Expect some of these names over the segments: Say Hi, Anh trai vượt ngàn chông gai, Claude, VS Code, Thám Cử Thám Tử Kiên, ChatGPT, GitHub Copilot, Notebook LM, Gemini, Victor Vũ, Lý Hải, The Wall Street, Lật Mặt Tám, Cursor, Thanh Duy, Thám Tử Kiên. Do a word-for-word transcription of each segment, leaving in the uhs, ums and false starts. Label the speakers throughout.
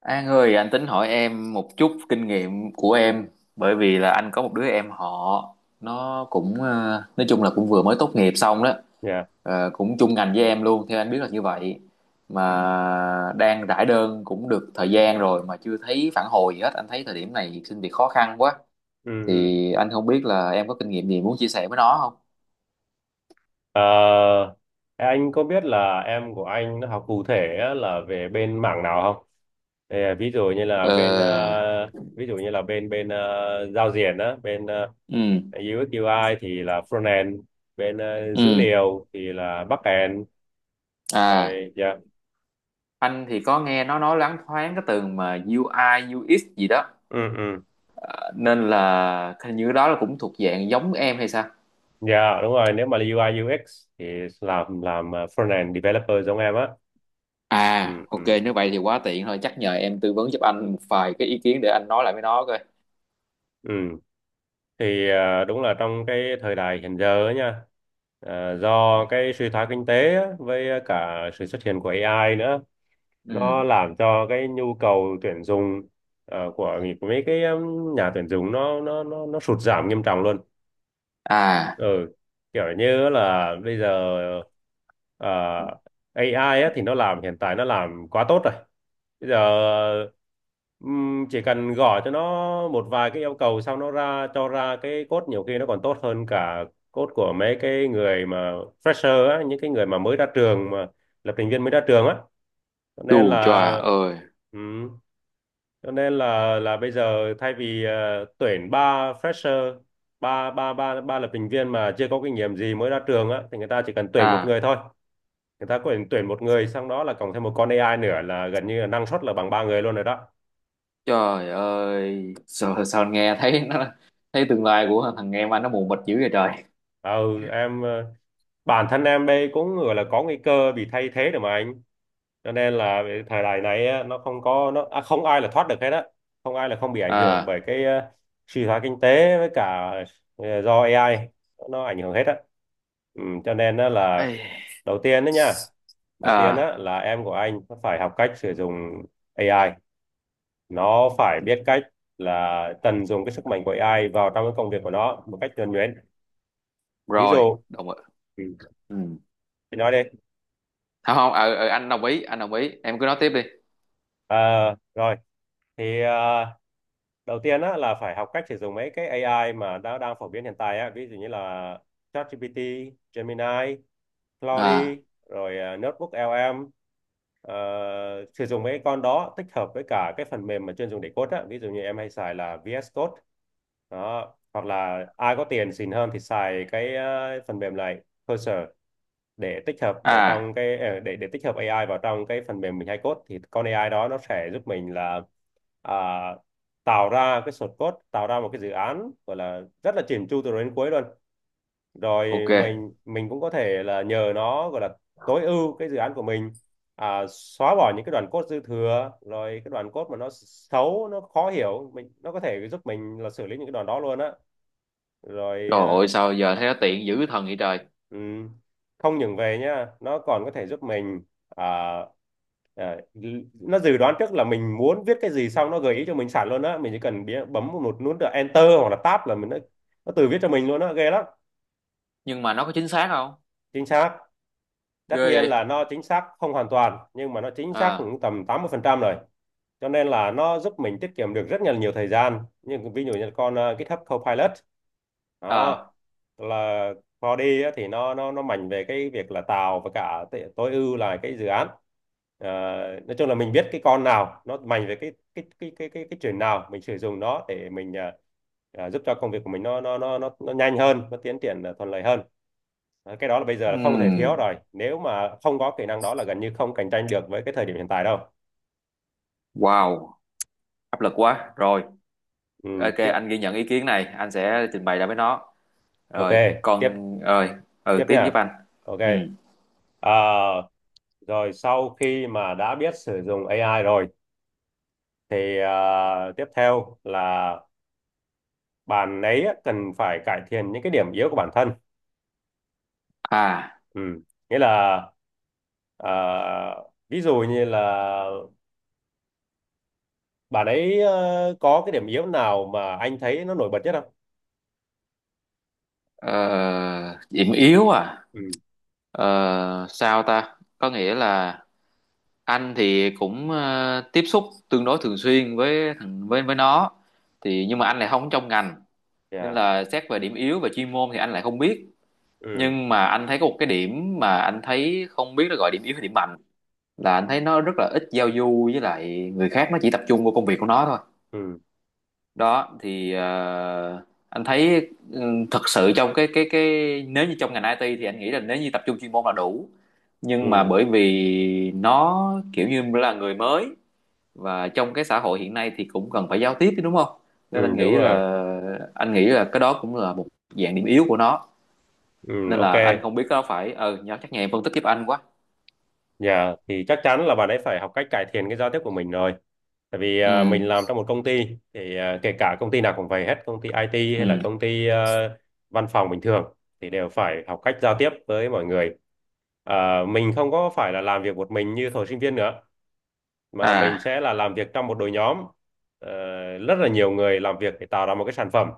Speaker 1: An ơi, anh tính hỏi em một chút kinh nghiệm của em, bởi vì là anh có một đứa em họ nó cũng ờ, nói chung là cũng vừa mới tốt nghiệp xong đó.
Speaker 2: Dạ.
Speaker 1: Ờ, cũng chung ngành với em luôn, theo anh biết là như vậy, mà đang rải đơn cũng được thời gian rồi mà chưa thấy phản hồi gì hết. Anh thấy thời điểm này xin việc khó khăn quá,
Speaker 2: Ừ. ừ.
Speaker 1: thì anh không biết là em có kinh nghiệm gì muốn chia sẻ với nó không?
Speaker 2: Ờ, anh có biết là em của anh nó học cụ thể á, là về bên mảng nào không? Thì, à, ví dụ như là bên ờ,
Speaker 1: Ờ,
Speaker 2: ví dụ như là bên bên ờ, giao diện á, bên ờ,
Speaker 1: ừ,
Speaker 2: iu ếch iu ai thì là frontend, bên ờ, dữ
Speaker 1: ừ,
Speaker 2: liệu thì là backend.
Speaker 1: à
Speaker 2: Rồi dạ.
Speaker 1: anh thì có nghe nó nói loáng thoáng cái từ mà u i u ích gì đó.
Speaker 2: Ừ ừ.
Speaker 1: À, nên là hình như đó là cũng thuộc dạng giống em hay sao.
Speaker 2: Dạ đúng rồi, nếu mà là iu ai iu ếch thì làm làm ờ, frontend developer giống em á. Ừ
Speaker 1: À ok,
Speaker 2: ừ.
Speaker 1: nếu vậy thì quá tiện thôi, chắc nhờ em tư vấn giúp anh một vài cái ý kiến để anh nói lại với nó coi.
Speaker 2: Ừ. thì à, đúng là trong cái thời đại hiện giờ ấy nha, à, do cái suy thoái kinh tế á, với à, cả sự xuất hiện của a i nữa, nó
Speaker 1: ừ
Speaker 2: làm cho cái nhu cầu tuyển dụng, à, của, của mấy cái um, nhà tuyển dụng nó nó nó nó sụt giảm nghiêm trọng luôn.
Speaker 1: à
Speaker 2: Ừ, kiểu như là bây giờ ờ, a i á, thì nó làm, hiện tại nó làm quá tốt rồi. Bây giờ ừm, chỉ cần gọi cho nó một vài cái yêu cầu sau nó ra cho ra cái code, nhiều khi nó còn tốt hơn cả code của mấy cái người mà fresher á, những cái người mà mới ra trường, mà lập trình viên mới ra trường á, cho
Speaker 1: Chù
Speaker 2: nên
Speaker 1: chà
Speaker 2: là.
Speaker 1: ơi.
Speaker 2: Ừ, cho nên là là bây giờ thay vì ờ, tuyển ba fresher, ba ba ba ba lập trình viên mà chưa có kinh nghiệm gì mới ra trường á, thì người ta chỉ cần tuyển một
Speaker 1: à
Speaker 2: người thôi. Người ta có thể tuyển một người, xong đó là cộng thêm một con a i nữa là gần như là năng suất là bằng ba người luôn rồi đó.
Speaker 1: Trời ơi, sao, sao anh nghe thấy nó, thấy tương lai của thằng em anh nó mù mịt dữ vậy trời.
Speaker 2: Ừ, em ờ, bản thân em đây cũng gọi là có nguy cơ bị thay thế được mà anh. Cho nên là về thời đại này á, nó không có nó à, không ai là thoát được hết á, không ai là không bị ảnh hưởng
Speaker 1: à
Speaker 2: bởi cái ờ, suy thoái kinh tế với cả ờ, do ây ai, nó ảnh hưởng hết á. Ừ, cho nên á là
Speaker 1: Ấy.
Speaker 2: đầu tiên đó nha. Đầu tiên
Speaker 1: à
Speaker 2: á, là em của anh phải học cách sử dụng ây ai, nó phải biết cách là tận dụng cái sức mạnh của ây ai vào trong cái công việc của nó một cách nhuần nhuyễn. Ví
Speaker 1: Rồi,
Speaker 2: dụ,
Speaker 1: đồng ý.
Speaker 2: ừ,
Speaker 1: ừ.
Speaker 2: chị nói đi.
Speaker 1: Không không, ờ, ờ, anh đồng ý, anh đồng ý em cứ nói tiếp đi.
Speaker 2: Ờ, Rồi, thì à, đầu tiên á, là phải học cách sử dụng mấy cái a i mà đã đang phổ biến hiện tại á, ví dụ như là ChatGPT, Gemini, Claude,
Speaker 1: à
Speaker 2: rồi à, Notebook lờ em. Ờ, Sử dụng mấy con đó tích hợp với cả cái phần mềm mà chuyên dùng để code á, ví dụ như em hay xài là vi ét Code đó, hoặc là ai có tiền xịn hơn thì xài cái ờ, phần mềm này Cursor, để tích hợp vào
Speaker 1: à
Speaker 2: trong cái ờ, để để tích hợp a i vào trong cái phần mềm mình hay code, thì con a i đó nó sẽ giúp mình là à, tạo ra cái source code, tạo ra một cái dự án gọi là rất là chỉn chu từ đầu đến cuối luôn. Rồi
Speaker 1: ok.
Speaker 2: mình mình cũng có thể là nhờ nó gọi là tối ưu cái dự án của mình, à, xóa bỏ những cái đoạn code dư thừa, rồi cái đoạn code mà nó xấu, nó khó hiểu mình, nó có thể giúp mình là xử lý những cái đoạn đó luôn á. Rồi
Speaker 1: Trời ơi,
Speaker 2: à,
Speaker 1: sao giờ thấy nó tiện dữ thần vậy trời.
Speaker 2: ừm, không những về nhá, nó còn có thể giúp mình à, đấy, nó dự đoán trước là mình muốn viết cái gì, xong nó gợi ý cho mình sẵn luôn á, mình chỉ cần bấm một nút là enter hoặc là tab là mình nó, nó tự viết cho mình luôn á, ghê lắm.
Speaker 1: Nhưng mà nó có chính xác không?
Speaker 2: Chính xác. Tất
Speaker 1: Ghê
Speaker 2: nhiên
Speaker 1: vậy.
Speaker 2: là nó chính xác không hoàn toàn, nhưng mà nó chính xác
Speaker 1: à
Speaker 2: cũng tầm tám mươi phần trăm rồi. Cho nên là nó giúp mình tiết kiệm được rất là nhiều thời gian, nhưng ví dụ như con ờ, GitHub Copilot đó,
Speaker 1: à
Speaker 2: là Claude á, thì nó nó nó mạnh về cái việc là tạo và cả t- tối ưu là cái dự án. Ờ, nói chung là mình biết cái con nào nó mạnh về cái cái cái cái cái cái chuyện nào, mình sử dụng nó để mình ờ, ờ, giúp cho công việc của mình nó nó nó nó, nó nhanh hơn, nó tiến triển ờ, thuận lợi hơn. Ờ, cái đó là bây giờ là không thể thiếu
Speaker 1: ừm,
Speaker 2: rồi, nếu mà không có kỹ năng đó là gần như không cạnh tranh được với cái thời điểm hiện tại đâu.
Speaker 1: wow, áp lực quá rồi.
Speaker 2: Ừ,
Speaker 1: Ok,
Speaker 2: tiếp.
Speaker 1: anh ghi nhận ý kiến này, anh sẽ trình bày ra với nó.
Speaker 2: Ok,
Speaker 1: Rồi
Speaker 2: tiếp.
Speaker 1: còn, rồi, ừ,
Speaker 2: Tiếp
Speaker 1: tiếp giúp
Speaker 2: nha.
Speaker 1: anh.
Speaker 2: Ok.
Speaker 1: ừ
Speaker 2: à, Rồi sau khi mà đã biết sử dụng a i rồi thì à, tiếp theo là bạn ấy cần phải cải thiện những cái điểm yếu của bản thân.
Speaker 1: à
Speaker 2: Ừ, nghĩa là à, ví dụ như là bạn ấy ờ, có cái điểm yếu nào mà anh thấy nó nổi bật nhất không?
Speaker 1: ờ, Điểm yếu à.
Speaker 2: Ừ.
Speaker 1: Ờ, sao ta, có nghĩa là anh thì cũng ờ, tiếp xúc tương đối thường xuyên với thằng với với nó, thì nhưng mà anh lại không trong ngành, nên
Speaker 2: Dạ.
Speaker 1: là xét về điểm yếu về chuyên môn thì anh lại không biết.
Speaker 2: Ừ.
Speaker 1: Nhưng mà anh thấy có một cái điểm mà anh thấy không biết nó gọi điểm yếu hay điểm mạnh, là anh thấy nó rất là ít giao du với lại người khác, nó chỉ tập trung vào công việc của nó thôi.
Speaker 2: Ừ.
Speaker 1: Đó thì ờ, anh thấy ừ, thật sự trong cái cái cái nếu như trong ngành i tê thì anh nghĩ là nếu như tập trung chuyên môn là đủ, nhưng mà
Speaker 2: Ừ.
Speaker 1: bởi vì nó kiểu như là người mới và trong cái xã hội hiện nay thì cũng cần phải giao tiếp chứ, đúng không.
Speaker 2: Ừ,
Speaker 1: Nên anh
Speaker 2: đúng
Speaker 1: nghĩ
Speaker 2: rồi.
Speaker 1: là, anh nghĩ là cái đó cũng là một dạng điểm yếu của nó,
Speaker 2: Ừ.
Speaker 1: nên
Speaker 2: Ok.
Speaker 1: là anh không biết có phải ờ ừ, chắc nhà em phân tích giúp anh quá.
Speaker 2: Dạ, thì chắc chắn là bạn ấy phải học cách cải thiện cái giao tiếp của mình rồi. Tại vì
Speaker 1: ừ
Speaker 2: à, mình làm trong một công ty, thì à, kể cả công ty nào cũng vậy hết, công ty ai ti hay là
Speaker 1: ừ
Speaker 2: công ty à, văn phòng bình thường, thì đều phải học cách giao tiếp với mọi người. À, mình không có phải là làm việc một mình như thời sinh viên nữa, mà mình
Speaker 1: à
Speaker 2: sẽ là làm việc trong một đội nhóm. Ờ, Rất là nhiều người làm việc để tạo ra một cái sản phẩm.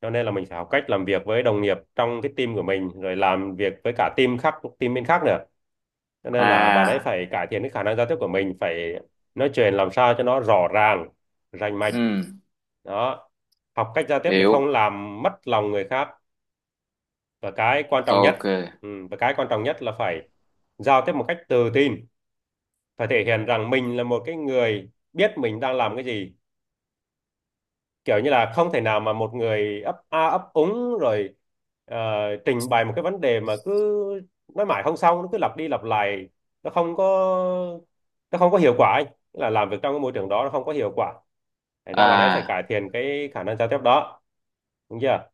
Speaker 2: Cho nên là mình phải học cách làm việc với đồng nghiệp trong cái team của mình, rồi làm việc với cả team khác, team bên khác nữa. Cho nên là bạn ấy
Speaker 1: à
Speaker 2: phải cải thiện cái khả năng giao tiếp của mình, phải nói chuyện làm sao cho nó rõ ràng, rành mạch
Speaker 1: ừ
Speaker 2: đó. Học cách giao tiếp để không
Speaker 1: Hiểu.
Speaker 2: làm mất lòng người khác. Và cái quan trọng
Speaker 1: Ok.
Speaker 2: nhất, ừ, và cái quan trọng nhất là phải giao tiếp một cách tự tin, phải thể hiện rằng mình là một cái người biết mình đang làm cái gì. Kiểu như là không thể nào mà một người ấp a ấp úng rồi ờ, trình bày một cái vấn đề mà cứ nói mãi không xong, nó cứ lặp đi lặp lại, nó không có nó không có hiệu quả ấy. Tức là làm việc trong cái môi trường đó nó không có hiệu quả, thành ra bạn ấy phải
Speaker 1: à
Speaker 2: cải thiện cái khả năng giao tiếp đó, đúng chưa?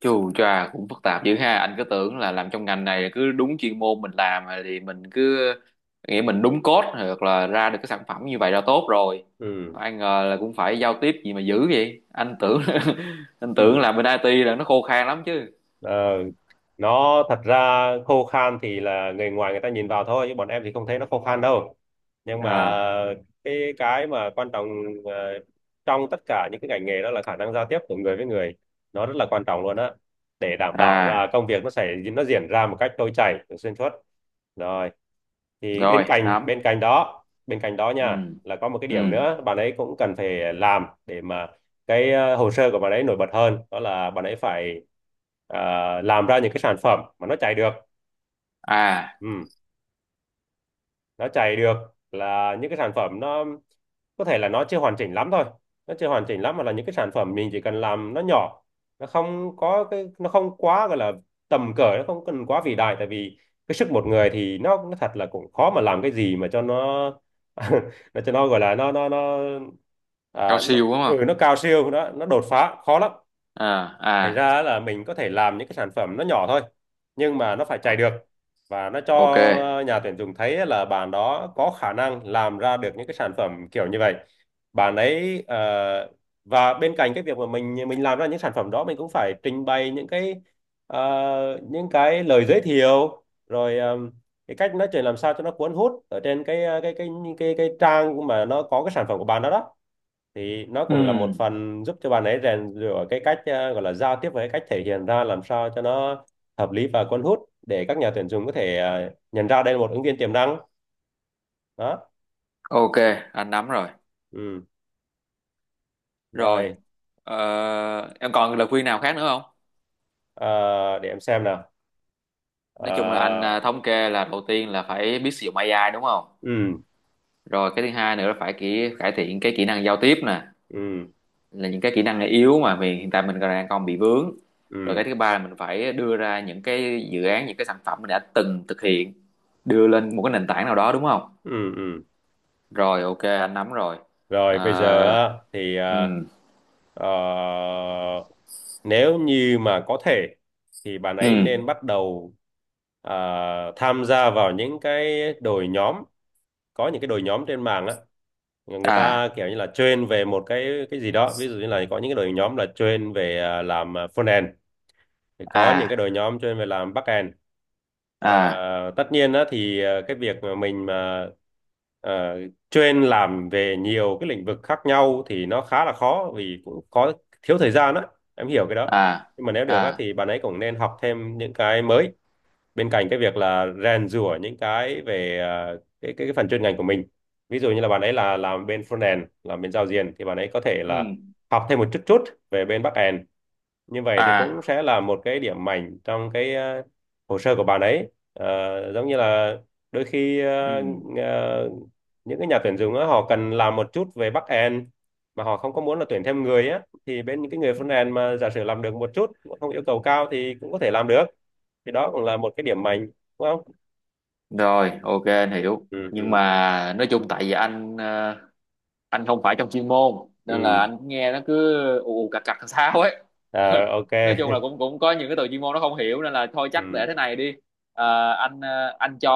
Speaker 1: Chù chà, cũng phức tạp dữ ha, anh cứ tưởng là làm trong ngành này cứ đúng chuyên môn mình làm thì mình cứ nghĩ mình đúng code hoặc là ra được cái sản phẩm như vậy là tốt rồi.
Speaker 2: Ừ.
Speaker 1: Ai ngờ là cũng phải giao tiếp gì mà dữ vậy. Anh tưởng anh tưởng
Speaker 2: Ừ.
Speaker 1: là bên i tê là nó khô khan lắm chứ.
Speaker 2: Ờ, nó thật ra khô khan thì là người ngoài người ta nhìn vào thôi, chứ bọn em thì không thấy nó khô khan đâu. Nhưng mà
Speaker 1: à
Speaker 2: cái cái mà quan trọng ờ, trong tất cả những cái ngành nghề đó là khả năng giao tiếp của người với người, nó rất là quan trọng luôn á, để đảm bảo
Speaker 1: à
Speaker 2: là công việc nó xảy nó diễn ra một cách trôi chảy xuyên suốt. Rồi thì
Speaker 1: Rồi,
Speaker 2: bên cạnh
Speaker 1: nắm.
Speaker 2: bên cạnh đó bên cạnh đó
Speaker 1: ừ
Speaker 2: nha, là có một cái
Speaker 1: ừ
Speaker 2: điểm nữa bạn ấy cũng cần phải làm để mà cái ờ, hồ sơ của bạn ấy nổi bật hơn, đó là bạn ấy phải ờ, làm ra những cái sản phẩm mà nó chạy được.
Speaker 1: à
Speaker 2: Ừ, nó chạy được, là những cái sản phẩm nó có thể là nó chưa hoàn chỉnh lắm thôi, nó chưa hoàn chỉnh lắm mà là những cái sản phẩm mình chỉ cần làm nó nhỏ, nó không có cái nó không quá, gọi là tầm cỡ, nó không cần quá vĩ đại, tại vì cái sức một người thì nó nó thật là cũng khó mà làm cái gì mà cho nó nó cho nó gọi là nó nó nó
Speaker 1: Cao
Speaker 2: à, nó
Speaker 1: siêu đúng không.
Speaker 2: ừ, nó cao siêu, nó nó đột phá khó lắm.
Speaker 1: à
Speaker 2: Thành
Speaker 1: à
Speaker 2: ra là mình có thể làm những cái sản phẩm nó nhỏ thôi, nhưng mà nó phải
Speaker 1: Ờ,
Speaker 2: chạy được, và nó cho
Speaker 1: ok.
Speaker 2: ờ, nhà tuyển dụng thấy là bạn đó có khả năng làm ra được những cái sản phẩm kiểu như vậy. bạn ấy ờ, và bên cạnh cái việc mà mình mình làm ra những sản phẩm đó, mình cũng phải trình bày những cái ờ, những cái lời giới thiệu, rồi ờ, cái cách nói chuyện làm sao cho nó cuốn hút ở trên cái ờ, cái cái cái cái, trang mà nó có cái sản phẩm của bạn đó đó. Thì nó
Speaker 1: ừ
Speaker 2: cũng là một phần giúp cho bạn ấy rèn rũa cái cách ờ, gọi là giao tiếp với cái cách thể hiện ra làm sao cho nó hợp lý và cuốn hút, để các nhà tuyển dụng có thể ờ, nhận ra đây là một ứng viên tiềm năng đó.
Speaker 1: Ok, anh nắm rồi.
Speaker 2: Ừ.
Speaker 1: Rồi,
Speaker 2: Rồi.
Speaker 1: ờ, em còn lời khuyên nào khác nữa không?
Speaker 2: Ờ, để em xem nào.
Speaker 1: Nói
Speaker 2: Ờ.
Speaker 1: chung là anh à, thống kê là đầu tiên là phải biết sử dụng ây ai đúng không?
Speaker 2: Ừ.
Speaker 1: Rồi cái thứ hai nữa là phải kỹ, cải thiện cái kỹ năng giao tiếp nè,
Speaker 2: Ừ.
Speaker 1: là những cái kỹ năng yếu mà mình hiện tại mình còn đang còn bị vướng. Rồi cái
Speaker 2: Ừ.
Speaker 1: thứ ba là mình phải đưa ra những cái dự án, những cái sản phẩm mình đã từng thực hiện, đưa lên một cái nền tảng nào đó đúng không?
Speaker 2: Ừ. Ừ.
Speaker 1: Rồi ok, anh nắm rồi.
Speaker 2: Rồi bây giờ
Speaker 1: Ờ,
Speaker 2: á, thì
Speaker 1: ừ,
Speaker 2: ờ, ờ, nếu như mà có thể thì bạn ấy
Speaker 1: ừ,
Speaker 2: nên bắt đầu ờ, tham gia vào những cái đội nhóm. Có những cái đội nhóm trên mạng á, người
Speaker 1: à,
Speaker 2: ta kiểu như là train về một cái cái gì đó, ví dụ như là có những cái đội nhóm là train về à, làm à, front end, thì có những
Speaker 1: à,
Speaker 2: cái đội nhóm train về làm back end.
Speaker 1: à,
Speaker 2: À, tất nhiên á thì à, cái việc mà mình mà à, train làm về nhiều cái lĩnh vực khác nhau thì nó khá là khó, vì cũng có thiếu thời gian á, em hiểu cái đó.
Speaker 1: à,
Speaker 2: Nhưng mà nếu được á
Speaker 1: à,
Speaker 2: thì bạn ấy cũng nên học thêm những cái mới, bên cạnh cái việc là rèn giũa những cái về à, cái, cái cái phần chuyên ngành của mình. Ví dụ như là bạn ấy là làm bên frontend, làm bên giao diện, thì bạn ấy có thể là
Speaker 1: ừ.
Speaker 2: học thêm một chút chút về bên backend. Như vậy thì cũng
Speaker 1: À,
Speaker 2: sẽ là một cái điểm mạnh trong cái à, hồ sơ của bạn ấy. Ờ, giống như là đôi khi à,
Speaker 1: ừ.
Speaker 2: à, những cái nhà tuyển dụng á, họ cần làm một chút về backend mà họ không có muốn là tuyển thêm người á, thì bên những cái người frontend mà giả sử làm được một chút, không yêu cầu cao thì cũng có thể làm được, thì đó cũng là một cái điểm mạnh, đúng không?
Speaker 1: Rồi, ok, anh hiểu.
Speaker 2: Ừ.
Speaker 1: Nhưng
Speaker 2: Ừ.
Speaker 1: mà nói chung tại vì anh ờ, anh không phải trong chuyên môn nên là
Speaker 2: Ừ.
Speaker 1: anh nghe nó cứ ù ù cặc cặc làm sao ấy.
Speaker 2: À, ok.
Speaker 1: Nói chung là cũng cũng có những cái từ chuyên môn nó không hiểu nên là thôi chắc để
Speaker 2: Ừ.
Speaker 1: thế này đi. Ờ, anh ờ, anh cho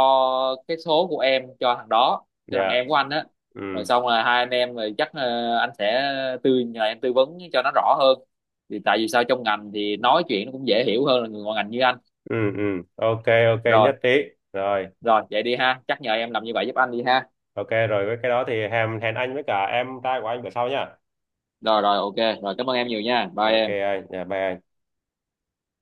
Speaker 1: cái số của em cho thằng đó, cho thằng
Speaker 2: Dạ.
Speaker 1: em của anh á.
Speaker 2: Ừ.
Speaker 1: Rồi xong là hai anh em rồi chắc ờ, anh sẽ tư nhờ em tư vấn cho nó rõ hơn. Thì tại vì sao trong ngành thì nói chuyện nó cũng dễ hiểu hơn là người ngoài ngành như anh.
Speaker 2: Ừ. Ừ. Ok, ok,
Speaker 1: Rồi.
Speaker 2: nhất trí. Rồi.
Speaker 1: Rồi vậy đi ha, chắc nhờ em làm như vậy giúp anh đi ha.
Speaker 2: Ok, rồi với cái đó thì hẹn hẹn anh với cả em trai của anh bữa sau nha.
Speaker 1: Rồi rồi, ok rồi, cảm ơn em nhiều nha, bye
Speaker 2: Ok
Speaker 1: em.
Speaker 2: anh, dạ bye anh.